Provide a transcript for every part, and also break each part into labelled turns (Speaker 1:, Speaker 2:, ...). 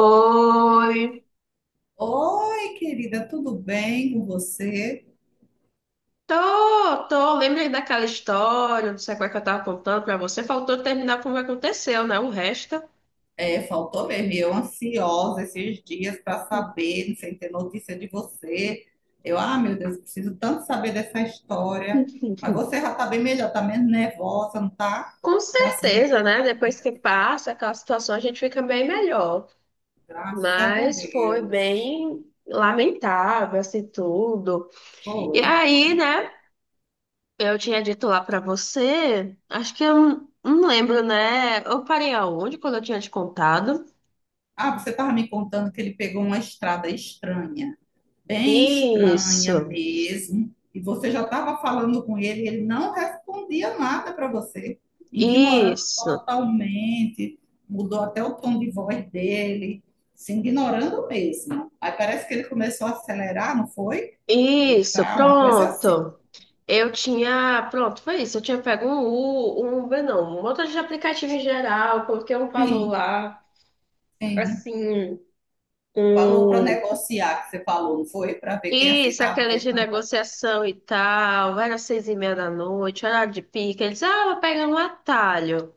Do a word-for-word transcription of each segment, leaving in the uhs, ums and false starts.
Speaker 1: Oi,
Speaker 2: Oi, querida, tudo bem com você?
Speaker 1: tô, tô, lembrei daquela história, não sei qual é que eu tava contando pra você, faltou terminar como aconteceu, né? O resto,
Speaker 2: É, faltou mesmo, e eu ansiosa esses dias para saber, sem ter notícia de você. Eu, ah, meu Deus, preciso tanto saber dessa história. Mas você já está bem melhor, tá menos nervosa, não tá?
Speaker 1: com
Speaker 2: Já assim,
Speaker 1: certeza, né? Depois que passa aquela situação, a gente fica bem melhor,
Speaker 2: graças a
Speaker 1: mas foi
Speaker 2: Deus.
Speaker 1: bem lamentável, assim, tudo. E
Speaker 2: Foi.
Speaker 1: aí, né, eu tinha dito lá pra você, acho que eu não não lembro, né? Eu parei aonde quando eu tinha te contado?
Speaker 2: Ah, você estava me contando que ele pegou uma estrada estranha. Bem estranha
Speaker 1: Isso,
Speaker 2: mesmo. E você já estava falando com ele, e ele não respondia nada para você, ignorando
Speaker 1: isso.
Speaker 2: totalmente, mudou até o tom de voz dele, se ignorando mesmo. Aí parece que ele começou a acelerar, não foi?
Speaker 1: Isso,
Speaker 2: Tá, uma coisa assim.
Speaker 1: pronto. Eu tinha, pronto, foi isso. Eu tinha pego um U, um Uber, não, um motor de aplicativo em geral, coloquei um valor
Speaker 2: Sim,
Speaker 1: lá,
Speaker 2: sim.
Speaker 1: assim,
Speaker 2: Falou para
Speaker 1: um.
Speaker 2: negociar, que você falou, não foi? Para ver quem
Speaker 1: Isso,
Speaker 2: aceitava,
Speaker 1: aquela
Speaker 2: quem
Speaker 1: de
Speaker 2: não.
Speaker 1: negociação e tal, era seis e meia da noite, horário de pique. Eles, ah, vou pegar um atalho.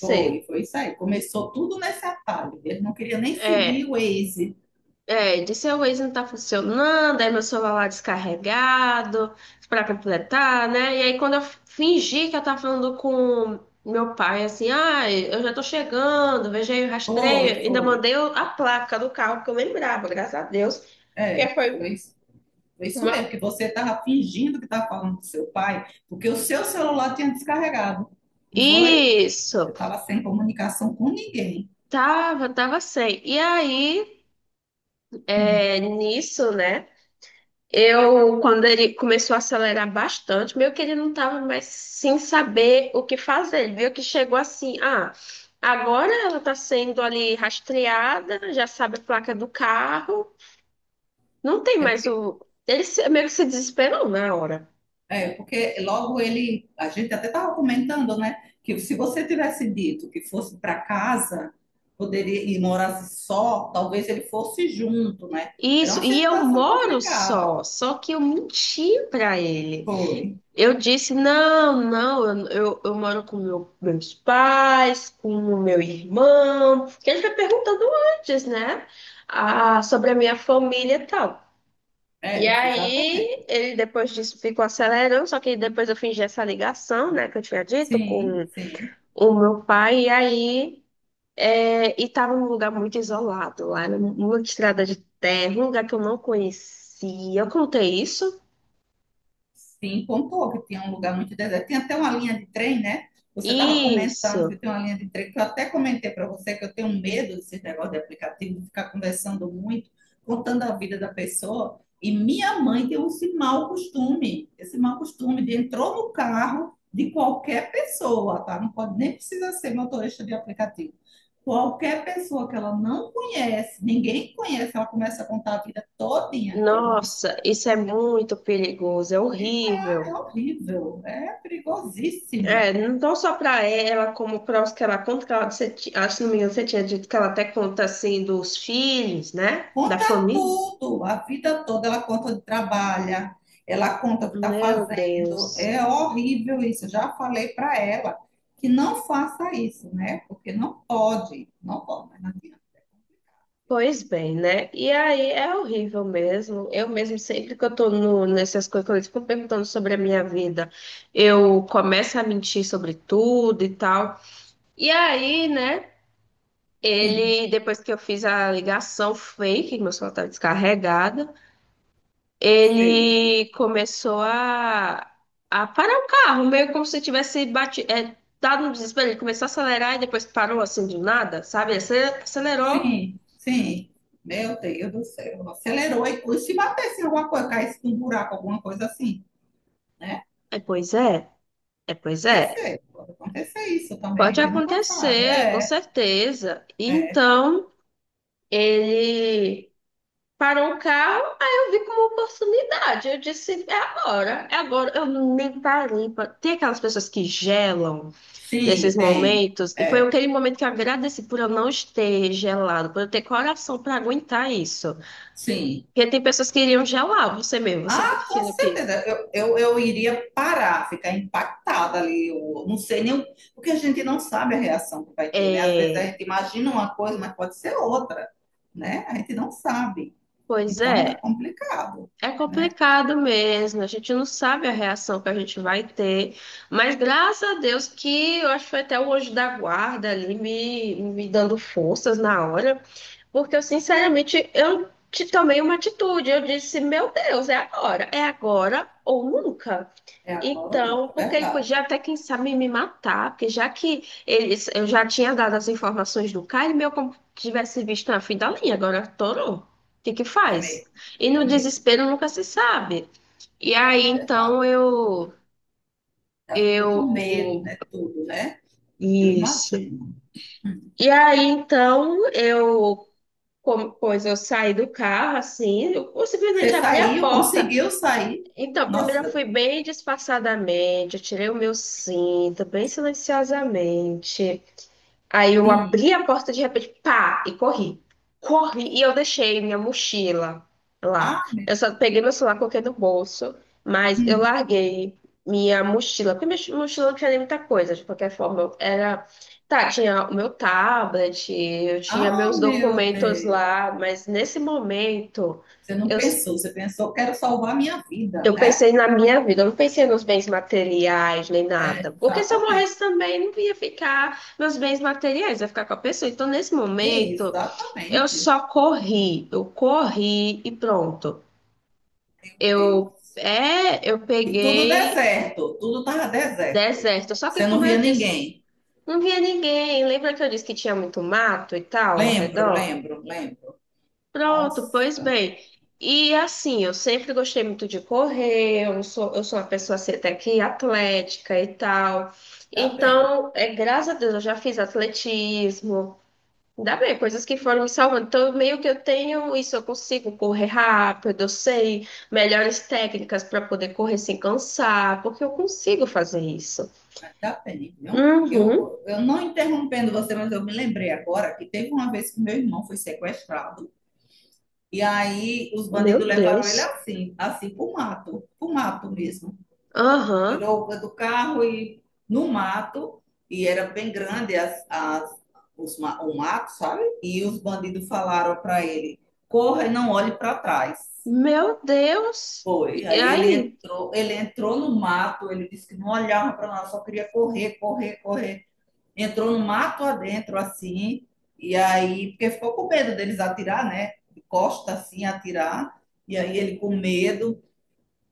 Speaker 2: Foi, foi isso aí. Começou tudo nesse atalho. Ele não queria nem seguir
Speaker 1: É.
Speaker 2: o Waze.
Speaker 1: É, disse, o Waze não tá funcionando, aí meu celular lá descarregado, pra completar, né? E aí quando eu fingi que eu tava falando com meu pai, assim, ah, eu já tô chegando, veja aí o
Speaker 2: Foi,
Speaker 1: rastreio, ainda
Speaker 2: foi.
Speaker 1: mandei o- a placa do carro, porque eu lembrava, graças a Deus, porque
Speaker 2: É,
Speaker 1: foi
Speaker 2: foi isso, foi isso
Speaker 1: uma...
Speaker 2: mesmo, que você estava fingindo que estava falando com seu pai, porque o seu celular tinha descarregado, não foi? Eu
Speaker 1: Isso,
Speaker 2: estava sem comunicação com ninguém.
Speaker 1: tava, tava sem. E aí,
Speaker 2: Hum.
Speaker 1: é, nisso, né? Eu, quando ele começou a acelerar bastante, meio que ele não estava mais sem saber o que fazer. Ele viu que chegou assim, ah, agora ela está sendo ali rastreada, já sabe a placa do carro, não tem
Speaker 2: É
Speaker 1: mais
Speaker 2: porque,
Speaker 1: o. Ele se- meio que se desesperou na hora.
Speaker 2: é porque logo ele, a gente até estava comentando, né, que se você tivesse dito que fosse para casa, poderia e morasse só, talvez ele fosse junto, né? Era
Speaker 1: Isso,
Speaker 2: uma
Speaker 1: e eu
Speaker 2: situação
Speaker 1: moro
Speaker 2: complicada.
Speaker 1: só, só que eu menti para ele.
Speaker 2: Foi.
Speaker 1: Eu disse, não, não, eu, eu, eu moro com meu- meus pais, com o meu irmão, que a gente vai perguntando antes, né? Ah, sobre a minha família e tal. E
Speaker 2: É, foi
Speaker 1: aí,
Speaker 2: exatamente.
Speaker 1: ele depois disso ficou acelerando, só que depois eu fingi essa ligação, né, que eu tinha dito
Speaker 2: Sim,
Speaker 1: com
Speaker 2: sim.
Speaker 1: o meu pai, e aí, é, e tava num lugar muito isolado, lá numa estrada de terra, um lugar que eu não conhecia. Eu contei isso?
Speaker 2: Sim, pontuou que tinha um lugar muito deserto. Tem até uma linha de trem, né? Você estava comentando que
Speaker 1: Isso.
Speaker 2: tem uma linha de trem, que eu até comentei para você que eu tenho medo desse negócio de aplicativo, de ficar conversando muito, contando a vida da pessoa. E minha mãe tem esse mau costume, esse mau costume de entrou no carro de qualquer pessoa, tá? Não pode nem precisa ser motorista de aplicativo. Qualquer pessoa que ela não conhece, ninguém conhece, ela começa a contar a vida todinha. É uma, abs-
Speaker 1: Nossa, isso é muito perigoso, é horrível.
Speaker 2: é horrível, é perigosíssimo.
Speaker 1: É, não só para ela, como para os que ela conta, que ela, você, ti- acho que não me engano, você tinha dito que ela até conta assim dos filhos, né? Da
Speaker 2: Conta
Speaker 1: família.
Speaker 2: tudo, a vida toda. Ela conta onde trabalha, ela conta o que está
Speaker 1: Meu
Speaker 2: fazendo.
Speaker 1: Deus.
Speaker 2: É horrível isso. Eu já falei para ela que não faça isso, né? Porque não pode, não pode, mas não adianta. É complicado.
Speaker 1: Pois bem, né? E aí é horrível mesmo. Eu mesmo, sempre que eu tô no, nessas coisas, quando eles ficam perguntando sobre a minha vida, eu começo a mentir sobre tudo e tal. E aí, né?
Speaker 2: Sim.
Speaker 1: Ele, depois que eu fiz a ligação fake, meu celular estava descarregado,
Speaker 2: Fake.
Speaker 1: ele começou a, a parar o carro, meio como se tivesse batido, é, dado um desespero. Ele começou a acelerar e depois parou assim do nada, sabe? Ele ace- acelerou.
Speaker 2: Sim, sim. Meu Deus do céu, acelerou. E e se batesse em alguma coisa, caísse num buraco, alguma coisa assim, né?
Speaker 1: É, pois é, é, pois é.
Speaker 2: Acontecer, pode acontecer isso também, a
Speaker 1: Pode
Speaker 2: gente nunca sabe.
Speaker 1: acontecer, com
Speaker 2: É.
Speaker 1: certeza. Então, ele Parou o carro, aí eu vi como oportunidade. Eu disse, é agora, é agora. Eu nem parei. pra- Tem aquelas pessoas que gelam nesses
Speaker 2: Sim, tem.
Speaker 1: momentos. Foi
Speaker 2: É,
Speaker 1: aquele momento que eu agradeci por eu não ter gelado, por eu ter coração para aguentar isso.
Speaker 2: sim.
Speaker 1: Porque tem pessoas que iriam gelar você mesmo, você é
Speaker 2: Ah, com
Speaker 1: do que.
Speaker 2: certeza. Eu, eu, eu iria parar, ficar impactada ali. Eu não sei nem. O- porque a gente não sabe a reação que vai ter, né? Às vezes a
Speaker 1: É,
Speaker 2: gente imagina uma coisa, mas pode ser outra, né? A gente não sabe.
Speaker 1: pois
Speaker 2: Então é
Speaker 1: é.
Speaker 2: complicado,
Speaker 1: É
Speaker 2: né?
Speaker 1: complicado mesmo, a gente não sabe a reação que a gente vai ter, mas graças a Deus que eu acho que foi até o anjo da guarda ali me, me dando forças na hora, porque eu sinceramente eu te tomei uma atitude, eu disse, meu Deus, é agora, é agora ou nunca.
Speaker 2: É agora ou
Speaker 1: Então,
Speaker 2: nunca, é
Speaker 1: porque ele podia
Speaker 2: verdade.
Speaker 1: até, quem sabe, me matar, porque já que eles, eu já tinha dado as informações do cara, ele meio como tivesse visto na fim da linha, agora torou. O que que
Speaker 2: É
Speaker 1: faz?
Speaker 2: mesmo,
Speaker 1: E no
Speaker 2: é mesmo,
Speaker 1: desespero nunca se sabe. E aí,
Speaker 2: é verdade.
Speaker 1: então, eu...
Speaker 2: Já ficou
Speaker 1: Eu...
Speaker 2: com medo, né? Tudo, né? Eu
Speaker 1: Isso.
Speaker 2: imagino. Hum.
Speaker 1: E aí, então, eu... como- Pois eu saí do carro, assim, eu
Speaker 2: Você
Speaker 1: simplesmente abri a
Speaker 2: saiu,
Speaker 1: porta.
Speaker 2: conseguiu sair.
Speaker 1: Então, primeiro eu
Speaker 2: Nossa,
Speaker 1: fui bem disfarçadamente, eu tirei o meu cinto, bem silenciosamente. Aí eu
Speaker 2: sim.
Speaker 1: abri a porta de repente, pá, e corri. Corri e eu deixei minha mochila
Speaker 2: Ah,
Speaker 1: lá. Eu só peguei meu celular, coloquei no bolso, mas eu
Speaker 2: hum.
Speaker 1: larguei minha mochila, porque minha mochila não tinha nem muita coisa, de qualquer forma. eu Era. Tá, tinha o meu tablet, eu tinha
Speaker 2: Ah,
Speaker 1: meus
Speaker 2: meu
Speaker 1: documentos
Speaker 2: Deus.
Speaker 1: lá, mas nesse momento.
Speaker 2: Você não
Speaker 1: Eu,
Speaker 2: pensou, você pensou, quero salvar minha vida,
Speaker 1: eu
Speaker 2: né?
Speaker 1: pensei na minha vida, eu não pensei nos bens materiais nem nada. Porque se eu
Speaker 2: Exatamente.
Speaker 1: morresse também, não ia ficar nos bens materiais, ia ficar com a pessoa. Então, nesse momento, eu
Speaker 2: Exatamente.
Speaker 1: só corri, eu corri e pronto. Eu,
Speaker 2: Deus.
Speaker 1: é, eu
Speaker 2: E tudo
Speaker 1: peguei
Speaker 2: deserto, tudo estava deserto.
Speaker 1: deserto. Só que,
Speaker 2: Você não
Speaker 1: como eu
Speaker 2: via
Speaker 1: disse,
Speaker 2: ninguém.
Speaker 1: não via ninguém. Lembra que eu disse que tinha muito mato e tal ao
Speaker 2: Lembro,
Speaker 1: redor?
Speaker 2: lembro, lembro.
Speaker 1: Pronto, pois
Speaker 2: Nossa,
Speaker 1: bem. E assim, eu sempre gostei muito de correr, eu sou, eu sou uma pessoa assim, até que atlética e tal.
Speaker 2: tá bem,
Speaker 1: Então, é, graças a Deus, eu já fiz atletismo. Ainda bem, coisas que foram me salvando. Então, meio que eu tenho isso, eu consigo correr rápido, eu sei melhores técnicas para poder correr sem cansar, porque eu consigo fazer isso.
Speaker 2: tá bem, viu?
Speaker 1: Uhum,
Speaker 2: Eu, eu não interrompendo você, mas eu me lembrei agora que teve uma vez que meu irmão foi sequestrado e aí os
Speaker 1: meu
Speaker 2: bandidos levaram ele
Speaker 1: Deus.
Speaker 2: assim, assim pro mato, pro mato mesmo.
Speaker 1: Aham,
Speaker 2: Tirou do carro e no mato, e era bem grande as, as, os, o mato, sabe? E os bandidos falaram para ele: corra e não olhe para trás.
Speaker 1: meu Deus.
Speaker 2: Foi.
Speaker 1: E
Speaker 2: Aí ele
Speaker 1: aí?
Speaker 2: entrou, ele entrou no mato, ele disse que não olhava para nós, só queria correr, correr, correr. Entrou no mato adentro, assim, e aí, porque ficou com medo deles atirar, né? De costa, assim, atirar. E aí ele com medo,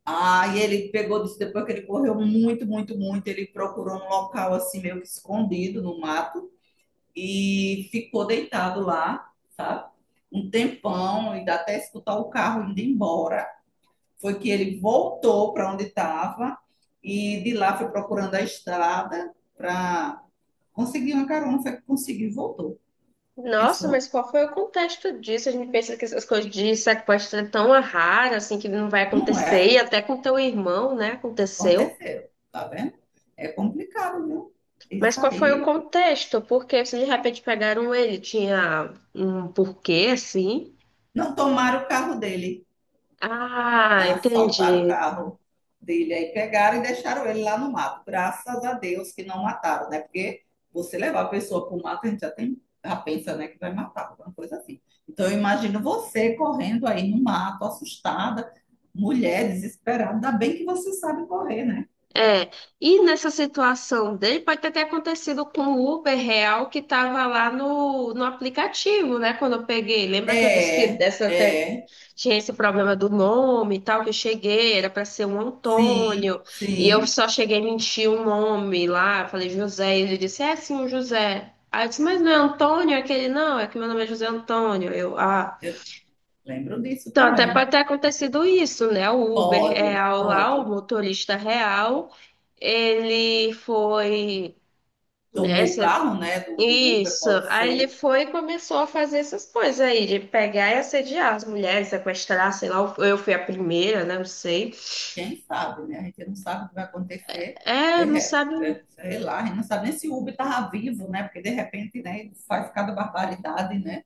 Speaker 2: ah, e ele pegou, disse, depois que ele correu muito, muito, muito, ele procurou um local assim meio que escondido no mato e ficou deitado lá, sabe? Um tempão, e dá até escutar o carro indo embora. Foi que ele voltou para onde estava e de lá foi procurando a estrada para conseguir uma carona, foi que conseguiu e voltou.
Speaker 1: Nossa,
Speaker 2: Pensou,
Speaker 1: mas qual foi o contexto disso? A gente pensa que essas coisas de sequestro é tão rara, assim, que não vai
Speaker 2: não
Speaker 1: acontecer,
Speaker 2: é?
Speaker 1: e até com teu irmão, né, aconteceu.
Speaker 2: Aconteceu, tá vendo? É complicado, viu?
Speaker 1: Mas
Speaker 2: Isso
Speaker 1: qual foi o
Speaker 2: aí.
Speaker 1: contexto? Porque se de repente pegaram ele, tinha um porquê, assim.
Speaker 2: Não tomaram o carro dele.
Speaker 1: Ah,
Speaker 2: Assaltaram o
Speaker 1: entendi.
Speaker 2: carro dele aí, pegaram e deixaram ele lá no mato. Graças a Deus que não mataram, né? Porque você levar a pessoa para o mato, a gente já tem, já pensa, né, que vai matar, alguma coisa assim. Então, eu imagino você correndo aí no mato, assustada, mulher desesperada. Ainda bem que você sabe correr, né?
Speaker 1: É, e nessa situação dele, pode ter até acontecido com o Uber real que estava lá no, no aplicativo, né, quando eu peguei. Lembra que eu disse que
Speaker 2: É,
Speaker 1: essa
Speaker 2: é,
Speaker 1: Tinha esse problema do nome e tal, que eu cheguei, era para ser um
Speaker 2: sim,
Speaker 1: Antônio, e eu
Speaker 2: sim.
Speaker 1: só cheguei a mentir o nome lá, falei José, e ele disse, é sim, um José. Aí eu disse, mas não é Antônio? É Aquele, não, é que meu nome é José Antônio. Eu, ah.
Speaker 2: Eu lembro disso
Speaker 1: Então, até
Speaker 2: também.
Speaker 1: pode ter acontecido isso, né? O Uber
Speaker 2: Pode,
Speaker 1: real lá, o
Speaker 2: pode.
Speaker 1: motorista real, ele foi, né,
Speaker 2: Tomou o
Speaker 1: se
Speaker 2: carro, né, do, do Uber,
Speaker 1: isso.
Speaker 2: pode
Speaker 1: Aí ele
Speaker 2: ser.
Speaker 1: foi e começou a fazer essas coisas aí, de pegar e assediar as mulheres, sequestrar, sei lá, eu fui a primeira, né? Não sei.
Speaker 2: Quem sabe, né? A gente não sabe o que vai acontecer.
Speaker 1: É,
Speaker 2: De
Speaker 1: não
Speaker 2: repente,
Speaker 1: sabe.
Speaker 2: né? Sei lá, a gente não sabe nem se o Uber estava vivo, né? Porque de repente, né, ele faz cada barbaridade, né?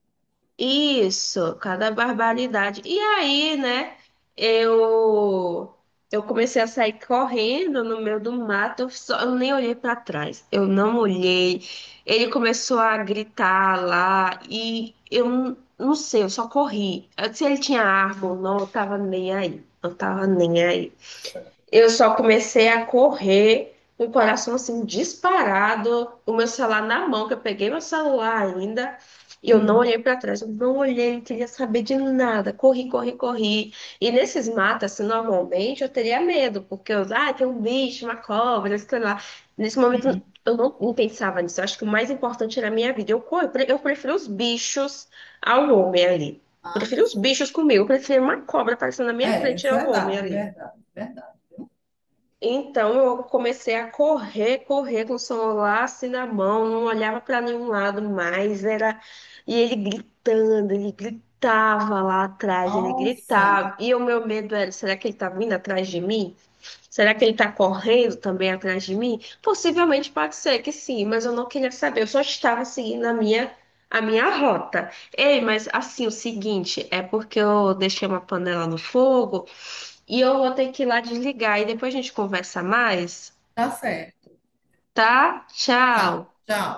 Speaker 1: Isso, cada barbaridade. E aí, né, eu eu comecei a sair correndo no meio do mato, eu, só, eu nem olhei para trás, eu não olhei. Ele começou a gritar lá e eu não, não sei, eu só corri. Eu- Se ele tinha árvore ou não, eu tava nem aí. Eu tava nem aí. Eu só comecei a correr, com o coração assim disparado, o meu celular na mão, que eu peguei meu celular ainda, e eu não
Speaker 2: Hum,
Speaker 1: olhei para trás, eu não olhei, não queria saber de nada. Corri, corri, corri. E nesses matas, assim, normalmente eu teria medo, porque eu, ah, tem um bicho, uma cobra, sei lá. Nesse momento
Speaker 2: hum.
Speaker 1: eu não, não pensava nisso. Eu acho que o mais importante era a minha vida. Eu, co- eu eu prefiro os bichos ao homem ali.
Speaker 2: Ah,
Speaker 1: Prefiro os bichos comigo, eu prefiro uma cobra aparecendo na minha
Speaker 2: é, é
Speaker 1: frente ao homem
Speaker 2: verdade,
Speaker 1: ali.
Speaker 2: verdade, verdade. Viu?
Speaker 1: Então eu comecei a correr, correr com o celular assim na mão, não olhava para nenhum lado mais, era e ele gritando, ele gritava lá atrás, ele
Speaker 2: Nossa,
Speaker 1: gritava. E o meu medo era, será que ele tá vindo atrás de mim? Será que ele tá correndo também atrás de mim? Possivelmente pode ser que sim, mas eu não queria saber, eu só estava seguindo a minha a minha rota. Ei, mas assim, o seguinte, é porque eu deixei uma panela no fogo, e eu vou ter que ir lá desligar e depois a gente conversa mais,
Speaker 2: tá certo.
Speaker 1: tá?
Speaker 2: Tá,
Speaker 1: Tchau.
Speaker 2: tchau.